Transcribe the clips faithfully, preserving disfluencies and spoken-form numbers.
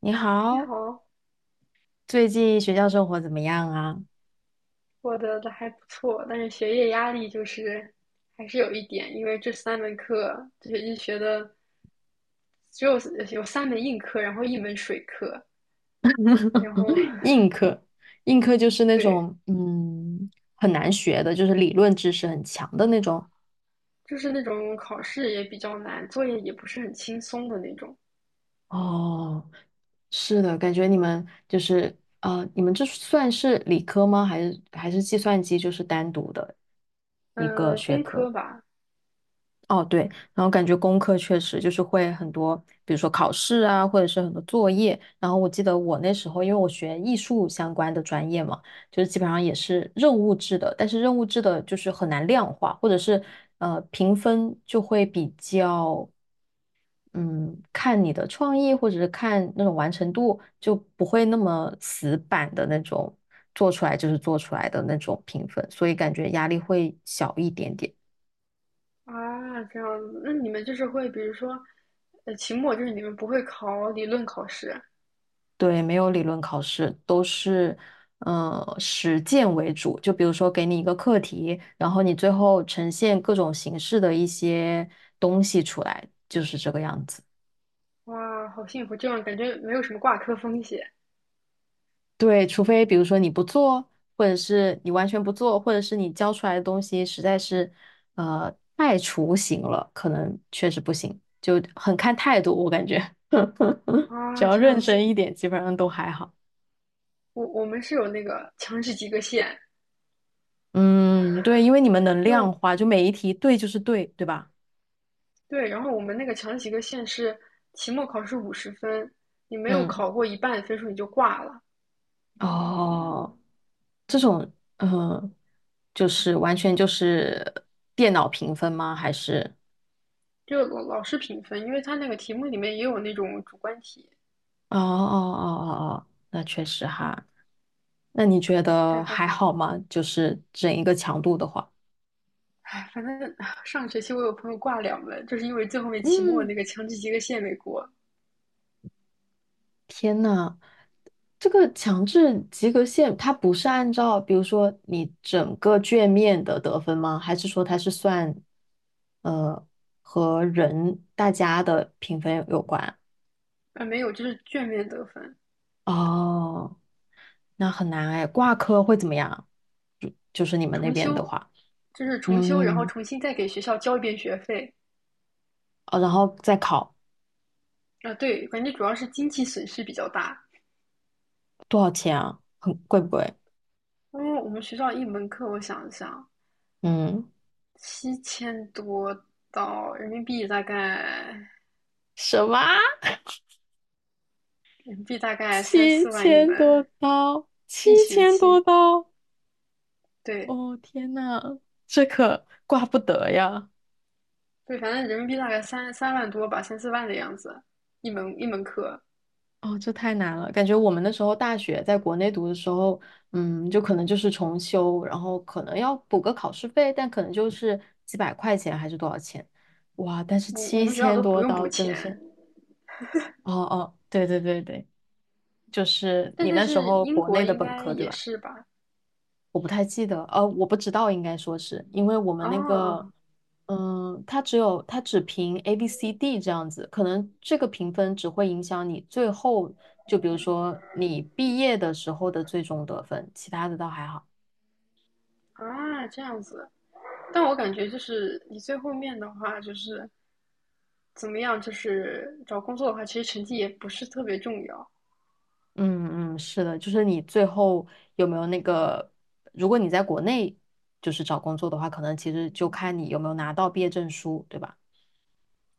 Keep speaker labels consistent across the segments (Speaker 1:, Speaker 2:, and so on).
Speaker 1: 你
Speaker 2: 你
Speaker 1: 好，
Speaker 2: 好，
Speaker 1: 最近学校生活怎么样啊？
Speaker 2: 我的的还不错，但是学业压力就是还是有一点，因为这三门课这学期学的只有有三门硬课，然后一门水课，然后
Speaker 1: 硬课，硬课就是那
Speaker 2: 对，
Speaker 1: 种嗯很难学的，就是理论知识很强的那种。
Speaker 2: 就是那种考试也比较难，作业也不是很轻松的那种。
Speaker 1: 哦，是的，感觉你们就是啊，你们这算是理科吗？还是还是计算机就是单独的一个
Speaker 2: 呃，
Speaker 1: 学
Speaker 2: 工
Speaker 1: 科？
Speaker 2: 科吧。
Speaker 1: 哦，对，然后感觉功课确实就是会很多，比如说考试啊，或者是很多作业。然后我记得我那时候，因为我学艺术相关的专业嘛，就是基本上也是任务制的，但是任务制的就是很难量化，或者是呃评分就会比较嗯看你的创意或者是看那种完成度，就不会那么死板的那种做出来就是做出来的那种评分，所以感觉压力会小一点点。
Speaker 2: 啊，这样子，那你们就是会，比如说，呃，期末就是你们不会考理论考试，
Speaker 1: 对，没有理论考试，都是呃实践为主。就比如说给你一个课题，然后你最后呈现各种形式的一些东西出来，就是这个样子。
Speaker 2: 哇，好幸福，这样感觉没有什么挂科风险。
Speaker 1: 对，除非比如说你不做，或者是你完全不做，或者是你教出来的东西实在是呃太雏形了，可能确实不行，就很看态度。我感觉 只
Speaker 2: 啊，
Speaker 1: 要
Speaker 2: 这样
Speaker 1: 认真
Speaker 2: 子。
Speaker 1: 一点，基本上都还好。
Speaker 2: 我我们是有那个强制及格线，
Speaker 1: 嗯，对，因为你们能量
Speaker 2: 就
Speaker 1: 化，就每一题对就是对，对吧？
Speaker 2: 对，然后我们那个强制及格线是期末考试五十分，你没有
Speaker 1: 嗯。
Speaker 2: 考过一半的分数你就挂了，
Speaker 1: 哦，这种，嗯，就是完全就是电脑评分吗？还是？
Speaker 2: 就老老师评分，因为他那个题目里面也有那种主观题，
Speaker 1: 哦哦哦哦哦，那确实哈。那你觉得
Speaker 2: 但反
Speaker 1: 还
Speaker 2: 正
Speaker 1: 好吗？就是整一个强度的话，
Speaker 2: 唉，反正 上学期我有朋友挂两门，就是因为最后面期末
Speaker 1: 嗯，
Speaker 2: 那个强制及格线没过，
Speaker 1: 天呐，这个强制及格线它不是按照比如说你整个卷面的得分吗？还是说它是算呃和人大家的评分有关？
Speaker 2: 啊没有，就是卷面得分。
Speaker 1: 哦。那很难哎，挂科会怎么样？就就是你们那
Speaker 2: 重
Speaker 1: 边的
Speaker 2: 修，
Speaker 1: 话，
Speaker 2: 就是重修，然后
Speaker 1: 嗯，
Speaker 2: 重新再给学校交一遍学费。
Speaker 1: 哦，然后再考
Speaker 2: 啊，对，感觉主要是经济损失比较大。
Speaker 1: 多少钱啊？很贵不贵？
Speaker 2: 因为我们学校一门课，我想一想，
Speaker 1: 嗯，
Speaker 2: 七千多到人民币大概，
Speaker 1: 什么？
Speaker 2: 人民币大概三
Speaker 1: 七
Speaker 2: 四万一
Speaker 1: 千多
Speaker 2: 门，
Speaker 1: 刀？
Speaker 2: 一
Speaker 1: 七
Speaker 2: 学
Speaker 1: 千多
Speaker 2: 期，
Speaker 1: 刀？
Speaker 2: 对
Speaker 1: 哦，天呐，这可挂不得呀！
Speaker 2: 对，反正人民币大概三三万多吧，三四万的样子，一门一门课，
Speaker 1: 哦，这太难了，感觉我们那时候大学在国内读的时候，嗯，就可能就是重修，然后可能要补个考试费，但可能就是几百块钱还是多少钱，哇！但是
Speaker 2: 我我
Speaker 1: 七
Speaker 2: 们学校
Speaker 1: 千
Speaker 2: 都不
Speaker 1: 多
Speaker 2: 用补
Speaker 1: 刀真的
Speaker 2: 钱，
Speaker 1: 是哦哦，对对对对，就是
Speaker 2: 但
Speaker 1: 你
Speaker 2: 但
Speaker 1: 那时
Speaker 2: 是
Speaker 1: 候
Speaker 2: 英
Speaker 1: 国
Speaker 2: 国
Speaker 1: 内的
Speaker 2: 应
Speaker 1: 本
Speaker 2: 该
Speaker 1: 科对
Speaker 2: 也
Speaker 1: 吧？
Speaker 2: 是吧？
Speaker 1: 我不太记得，呃，我不知道，应该说是因为我们那个，
Speaker 2: 哦，
Speaker 1: 嗯、它只有它只评 A B C D 这样子，可能这个评分只会影响你最后，就比如说你毕业的时候的最终得分，其他的倒还好。
Speaker 2: 啊，这样子，但我感觉就是你最后面的话就是，怎么样？就是找工作的话，其实成绩也不是特别重要。
Speaker 1: 嗯嗯，是的，就是你最后有没有那个，如果你在国内就是找工作的话，可能其实就看你有没有拿到毕业证书，对吧？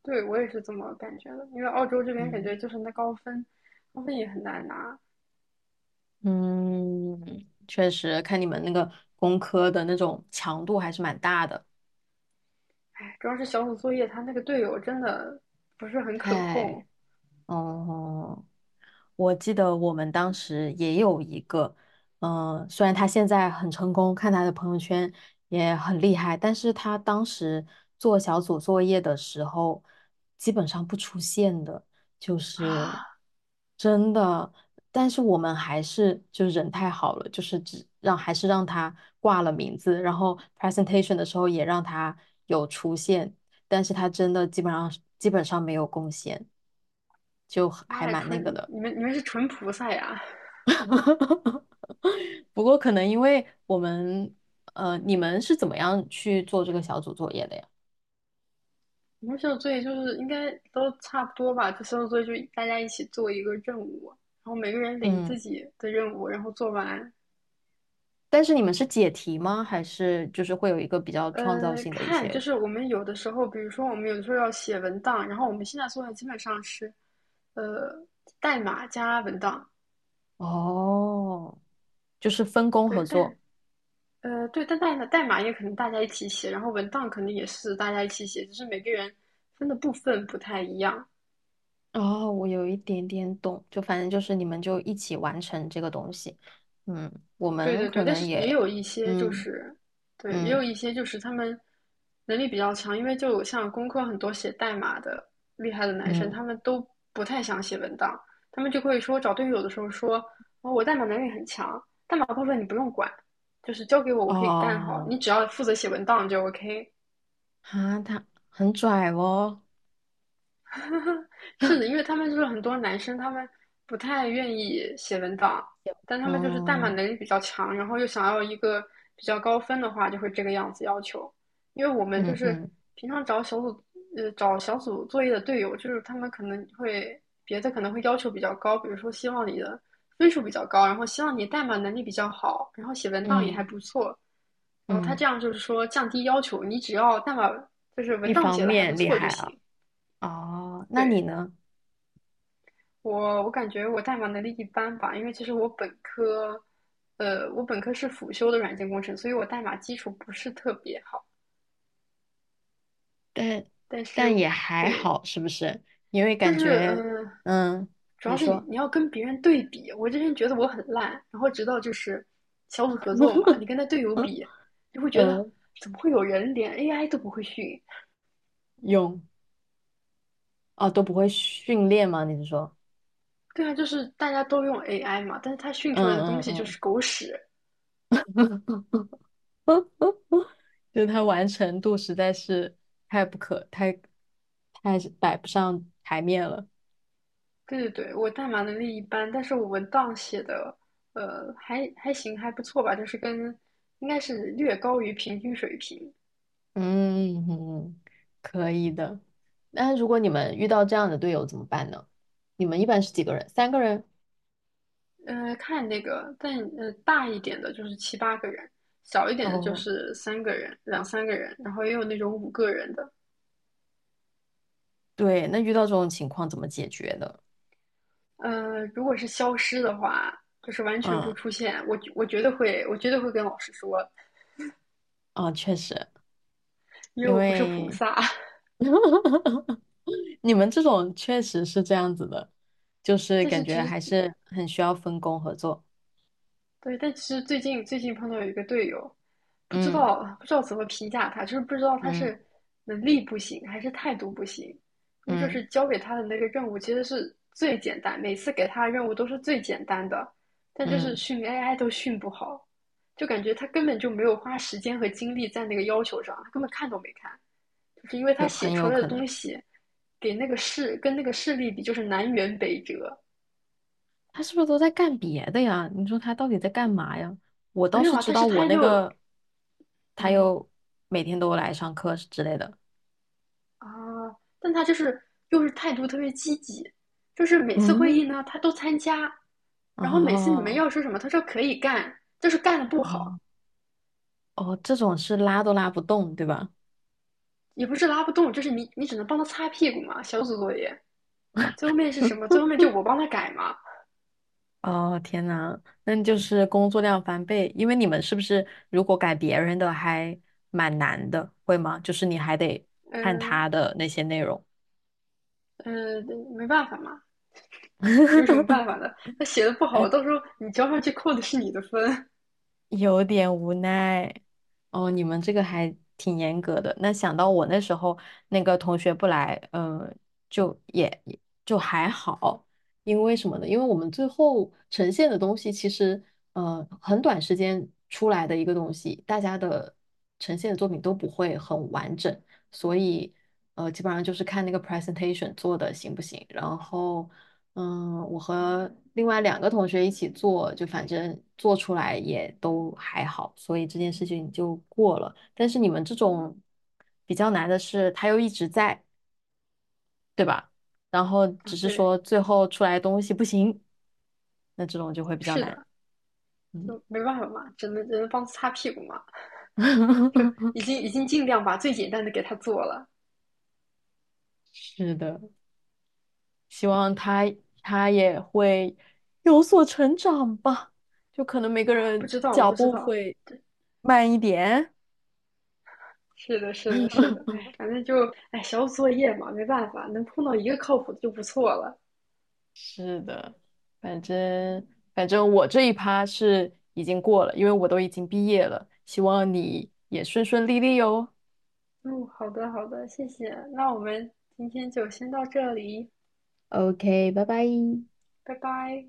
Speaker 2: 对，我也是这么感觉的，因为澳洲这边感
Speaker 1: 嗯，
Speaker 2: 觉就是那高分，高分也很难拿。
Speaker 1: 嗯，确实，看你们那个工科的那种强度还是蛮大的。
Speaker 2: 哎，主要是小组作业，他那个队友真的不是很可控。
Speaker 1: 太，哦、我记得我们当时也有一个，嗯、虽然他现在很成功，看他的朋友圈也很厉害，但是他当时做小组作业的时候，基本上不出现的，就是
Speaker 2: 啊！
Speaker 1: 真的。但是我们还是就人太好了，就是只让还是让他挂了名字，然后 presentation 的时候也让他有出现，但是他真的基本上基本上没有贡献，就
Speaker 2: 妈
Speaker 1: 还
Speaker 2: 呀，
Speaker 1: 蛮那个
Speaker 2: 纯
Speaker 1: 的。
Speaker 2: 你们你们是纯菩萨呀！
Speaker 1: 哈哈，不过可能因为我们，呃，你们是怎么样去做这个小组作业的呀？
Speaker 2: 你们小组作业就是应该都差不多吧？就小组作业就大家一起做一个任务，然后每个人领
Speaker 1: 嗯，
Speaker 2: 自己的任务，然后做完。
Speaker 1: 但是你们是解题吗？还是就是会有一个比较创造
Speaker 2: 呃，
Speaker 1: 性的一
Speaker 2: 看就
Speaker 1: 些？
Speaker 2: 是我们有的时候，比如说我们有的时候要写文档，然后我们现在做的基本上是，呃，代码加文档。
Speaker 1: 哦，就是分工
Speaker 2: 对
Speaker 1: 合
Speaker 2: 代
Speaker 1: 作。
Speaker 2: 呃对，但代码代码也可能大家一起写，然后文档肯定也是大家一起写，只是每个人分的部分不太一样。
Speaker 1: 哦，我有一点点懂，就反正就是你们就一起完成这个东西。嗯，我
Speaker 2: 对
Speaker 1: 们
Speaker 2: 对对，
Speaker 1: 可
Speaker 2: 但
Speaker 1: 能
Speaker 2: 是也有
Speaker 1: 也，
Speaker 2: 一些就
Speaker 1: 嗯
Speaker 2: 是，对，也有
Speaker 1: 嗯
Speaker 2: 一些就是他们能力比较强，因为就像工科很多写代码的厉害的男生，
Speaker 1: 嗯，
Speaker 2: 他们都不太想写文档，他们就会说找队友的时候说，哦，我代码能力很强，代码部分你不用管，就是交给我，我可以干好，
Speaker 1: 哦，
Speaker 2: 你只要负责写文档就 OK。
Speaker 1: 哈，他很拽哦。
Speaker 2: 是的，因为他们就是很多男生，他们不太愿意写文档，但他们就是代码
Speaker 1: 嗯
Speaker 2: 能力比较强，然后又想要一个比较高分的话，就会这个样子要求。因为我们就
Speaker 1: 嗯
Speaker 2: 是
Speaker 1: 嗯。
Speaker 2: 平常找小组，呃，找小组作业的队友，就是他们可能会别的可能会要求比较高，比如说希望你的分数比较高，然后希望你代码能力比较好，然后写文档也还
Speaker 1: 嗯
Speaker 2: 不错，然后他这
Speaker 1: 嗯，
Speaker 2: 样就是说降低要求，你只要代码就是文
Speaker 1: 一
Speaker 2: 档
Speaker 1: 方
Speaker 2: 写的还不
Speaker 1: 面厉
Speaker 2: 错就
Speaker 1: 害啊，
Speaker 2: 行。
Speaker 1: 哦，那你
Speaker 2: 对，
Speaker 1: 呢？
Speaker 2: 我我感觉我代码能力一般吧，因为其实我本科，呃，我本科是辅修的软件工程，所以我代码基础不是特别好。
Speaker 1: 但
Speaker 2: 但
Speaker 1: 但
Speaker 2: 是，
Speaker 1: 也还
Speaker 2: 对，
Speaker 1: 好，是不是？因为
Speaker 2: 就
Speaker 1: 感
Speaker 2: 是
Speaker 1: 觉，
Speaker 2: 嗯、呃
Speaker 1: 嗯，
Speaker 2: 主
Speaker 1: 你
Speaker 2: 要是你
Speaker 1: 说，
Speaker 2: 你要跟别人对比。我之前觉得我很烂，然后直到就是小组合作嘛，你跟他队友
Speaker 1: 嗯
Speaker 2: 比，就会觉得
Speaker 1: 嗯，
Speaker 2: 怎么会有人连 A I 都不会训？
Speaker 1: 泳哦都不会训练吗？你是说，
Speaker 2: 对啊，就是大家都用 A I 嘛，但是他训出来
Speaker 1: 嗯
Speaker 2: 的东
Speaker 1: 嗯
Speaker 2: 西就是
Speaker 1: 嗯，
Speaker 2: 狗屎。
Speaker 1: 嗯 就他完成度实在是太不可太太是摆不上台面了。
Speaker 2: 对对对，我代码能力一般，但是我文档写的，呃，还还行，还不错吧，就是跟应该是略高于平均水平。
Speaker 1: 嗯嗯，可以的。那如果你们遇到这样的队友怎么办呢？你们一般是几个人？三个人？
Speaker 2: 呃，看那个，但呃大一点的就是七八个人，小一点的就
Speaker 1: 哦
Speaker 2: 是三个人、两三个人，然后也有那种五个人的。
Speaker 1: 对，那遇到这种情况怎么解决的？
Speaker 2: 呃，如果是消失的话，就是完全不
Speaker 1: 嗯，
Speaker 2: 出现，我我绝对会，我绝对会跟老师说，
Speaker 1: 啊，确实，
Speaker 2: 因为
Speaker 1: 因
Speaker 2: 我不是菩
Speaker 1: 为
Speaker 2: 萨。
Speaker 1: 你们这种确实是这样子的，就是
Speaker 2: 但
Speaker 1: 感
Speaker 2: 是
Speaker 1: 觉
Speaker 2: 其实
Speaker 1: 还是很需要分工合作。
Speaker 2: 对，但其实最近最近碰到有一个队友，不知
Speaker 1: 嗯
Speaker 2: 道不知道怎么评价他，就是不知道他
Speaker 1: 嗯
Speaker 2: 是能力不行还是态度不行，因为就是
Speaker 1: 嗯
Speaker 2: 交给他的那个任务其实是最简单，每次给他的任务都是最简单的，但就是
Speaker 1: 嗯，
Speaker 2: 训 A I 都训不好，就感觉他根本就没有花时间和精力在那个要求上，他根本看都没看，就是因为他
Speaker 1: 有
Speaker 2: 写
Speaker 1: 很
Speaker 2: 出
Speaker 1: 有
Speaker 2: 来的
Speaker 1: 可能，
Speaker 2: 东西给那个事跟那个事例比就是南辕北辙。
Speaker 1: 他是不是都在干别的呀？你说他到底在干嘛呀？我倒
Speaker 2: 没有
Speaker 1: 是
Speaker 2: 啊，
Speaker 1: 知
Speaker 2: 但
Speaker 1: 道
Speaker 2: 是
Speaker 1: 我
Speaker 2: 他
Speaker 1: 那
Speaker 2: 又
Speaker 1: 个，他
Speaker 2: 嗯，
Speaker 1: 又每天都来上课之类的。
Speaker 2: 啊，但他就是又是态度特别积极，就是每次会
Speaker 1: 嗯，
Speaker 2: 议呢他都参加，然后每次你们
Speaker 1: 哦
Speaker 2: 要说什么，他说可以干，就是干的不
Speaker 1: 哦
Speaker 2: 好，
Speaker 1: 哦，这种是拉都拉不动，对吧？
Speaker 2: 也不是拉不动，就是你你只能帮他擦屁股嘛，小组作业。最后面是什么？最后面就我帮他改嘛，
Speaker 1: 哦，天呐，那就是工作量翻倍，因为你们是不是如果改别人的还蛮难的，会吗？就是你还得看
Speaker 2: 嗯、
Speaker 1: 他的那些内容。
Speaker 2: 呃嗯、呃没办法嘛，有什么办法呢？他写的不好，到时候你交上去扣的是你的分。
Speaker 1: 有点无奈。哦，你们这个还挺严格的。那想到我那时候那个同学不来，嗯、就也也就还好，因为什么呢？因为我们最后呈现的东西其实，呃，很短时间出来的一个东西，大家的呈现的作品都不会很完整，所以，呃，基本上就是看那个 presentation 做的行不行，然后嗯，我和另外两个同学一起做，就反正做出来也都还好，所以这件事情就过了。但是你们这种比较难的是，它又一直在，对吧？然后只
Speaker 2: 啊，
Speaker 1: 是
Speaker 2: 对，
Speaker 1: 说最后出来的东西不行，那这种就会比较
Speaker 2: 是
Speaker 1: 难。
Speaker 2: 的，
Speaker 1: 嗯，
Speaker 2: 就没办法嘛，只能只能帮他擦屁股嘛，就已 经已经尽量把最简单的给他做了。
Speaker 1: 是的，希望他他也会有所成长吧，就可能每个
Speaker 2: 啊，不
Speaker 1: 人
Speaker 2: 知道，我
Speaker 1: 脚
Speaker 2: 不知
Speaker 1: 步
Speaker 2: 道。
Speaker 1: 会
Speaker 2: 对，
Speaker 1: 慢一点。
Speaker 2: 是的，是的，是的。哎，反正就哎，小组作业嘛，没办法，能碰到一个靠谱的就不错了。
Speaker 1: 是的，反正反正我这一趴是已经过了，因为我都已经毕业了，希望你也顺顺利利哟。
Speaker 2: 嗯，好的，好的，谢谢。那我们今天就先到这里，
Speaker 1: OK，拜拜。
Speaker 2: 拜拜。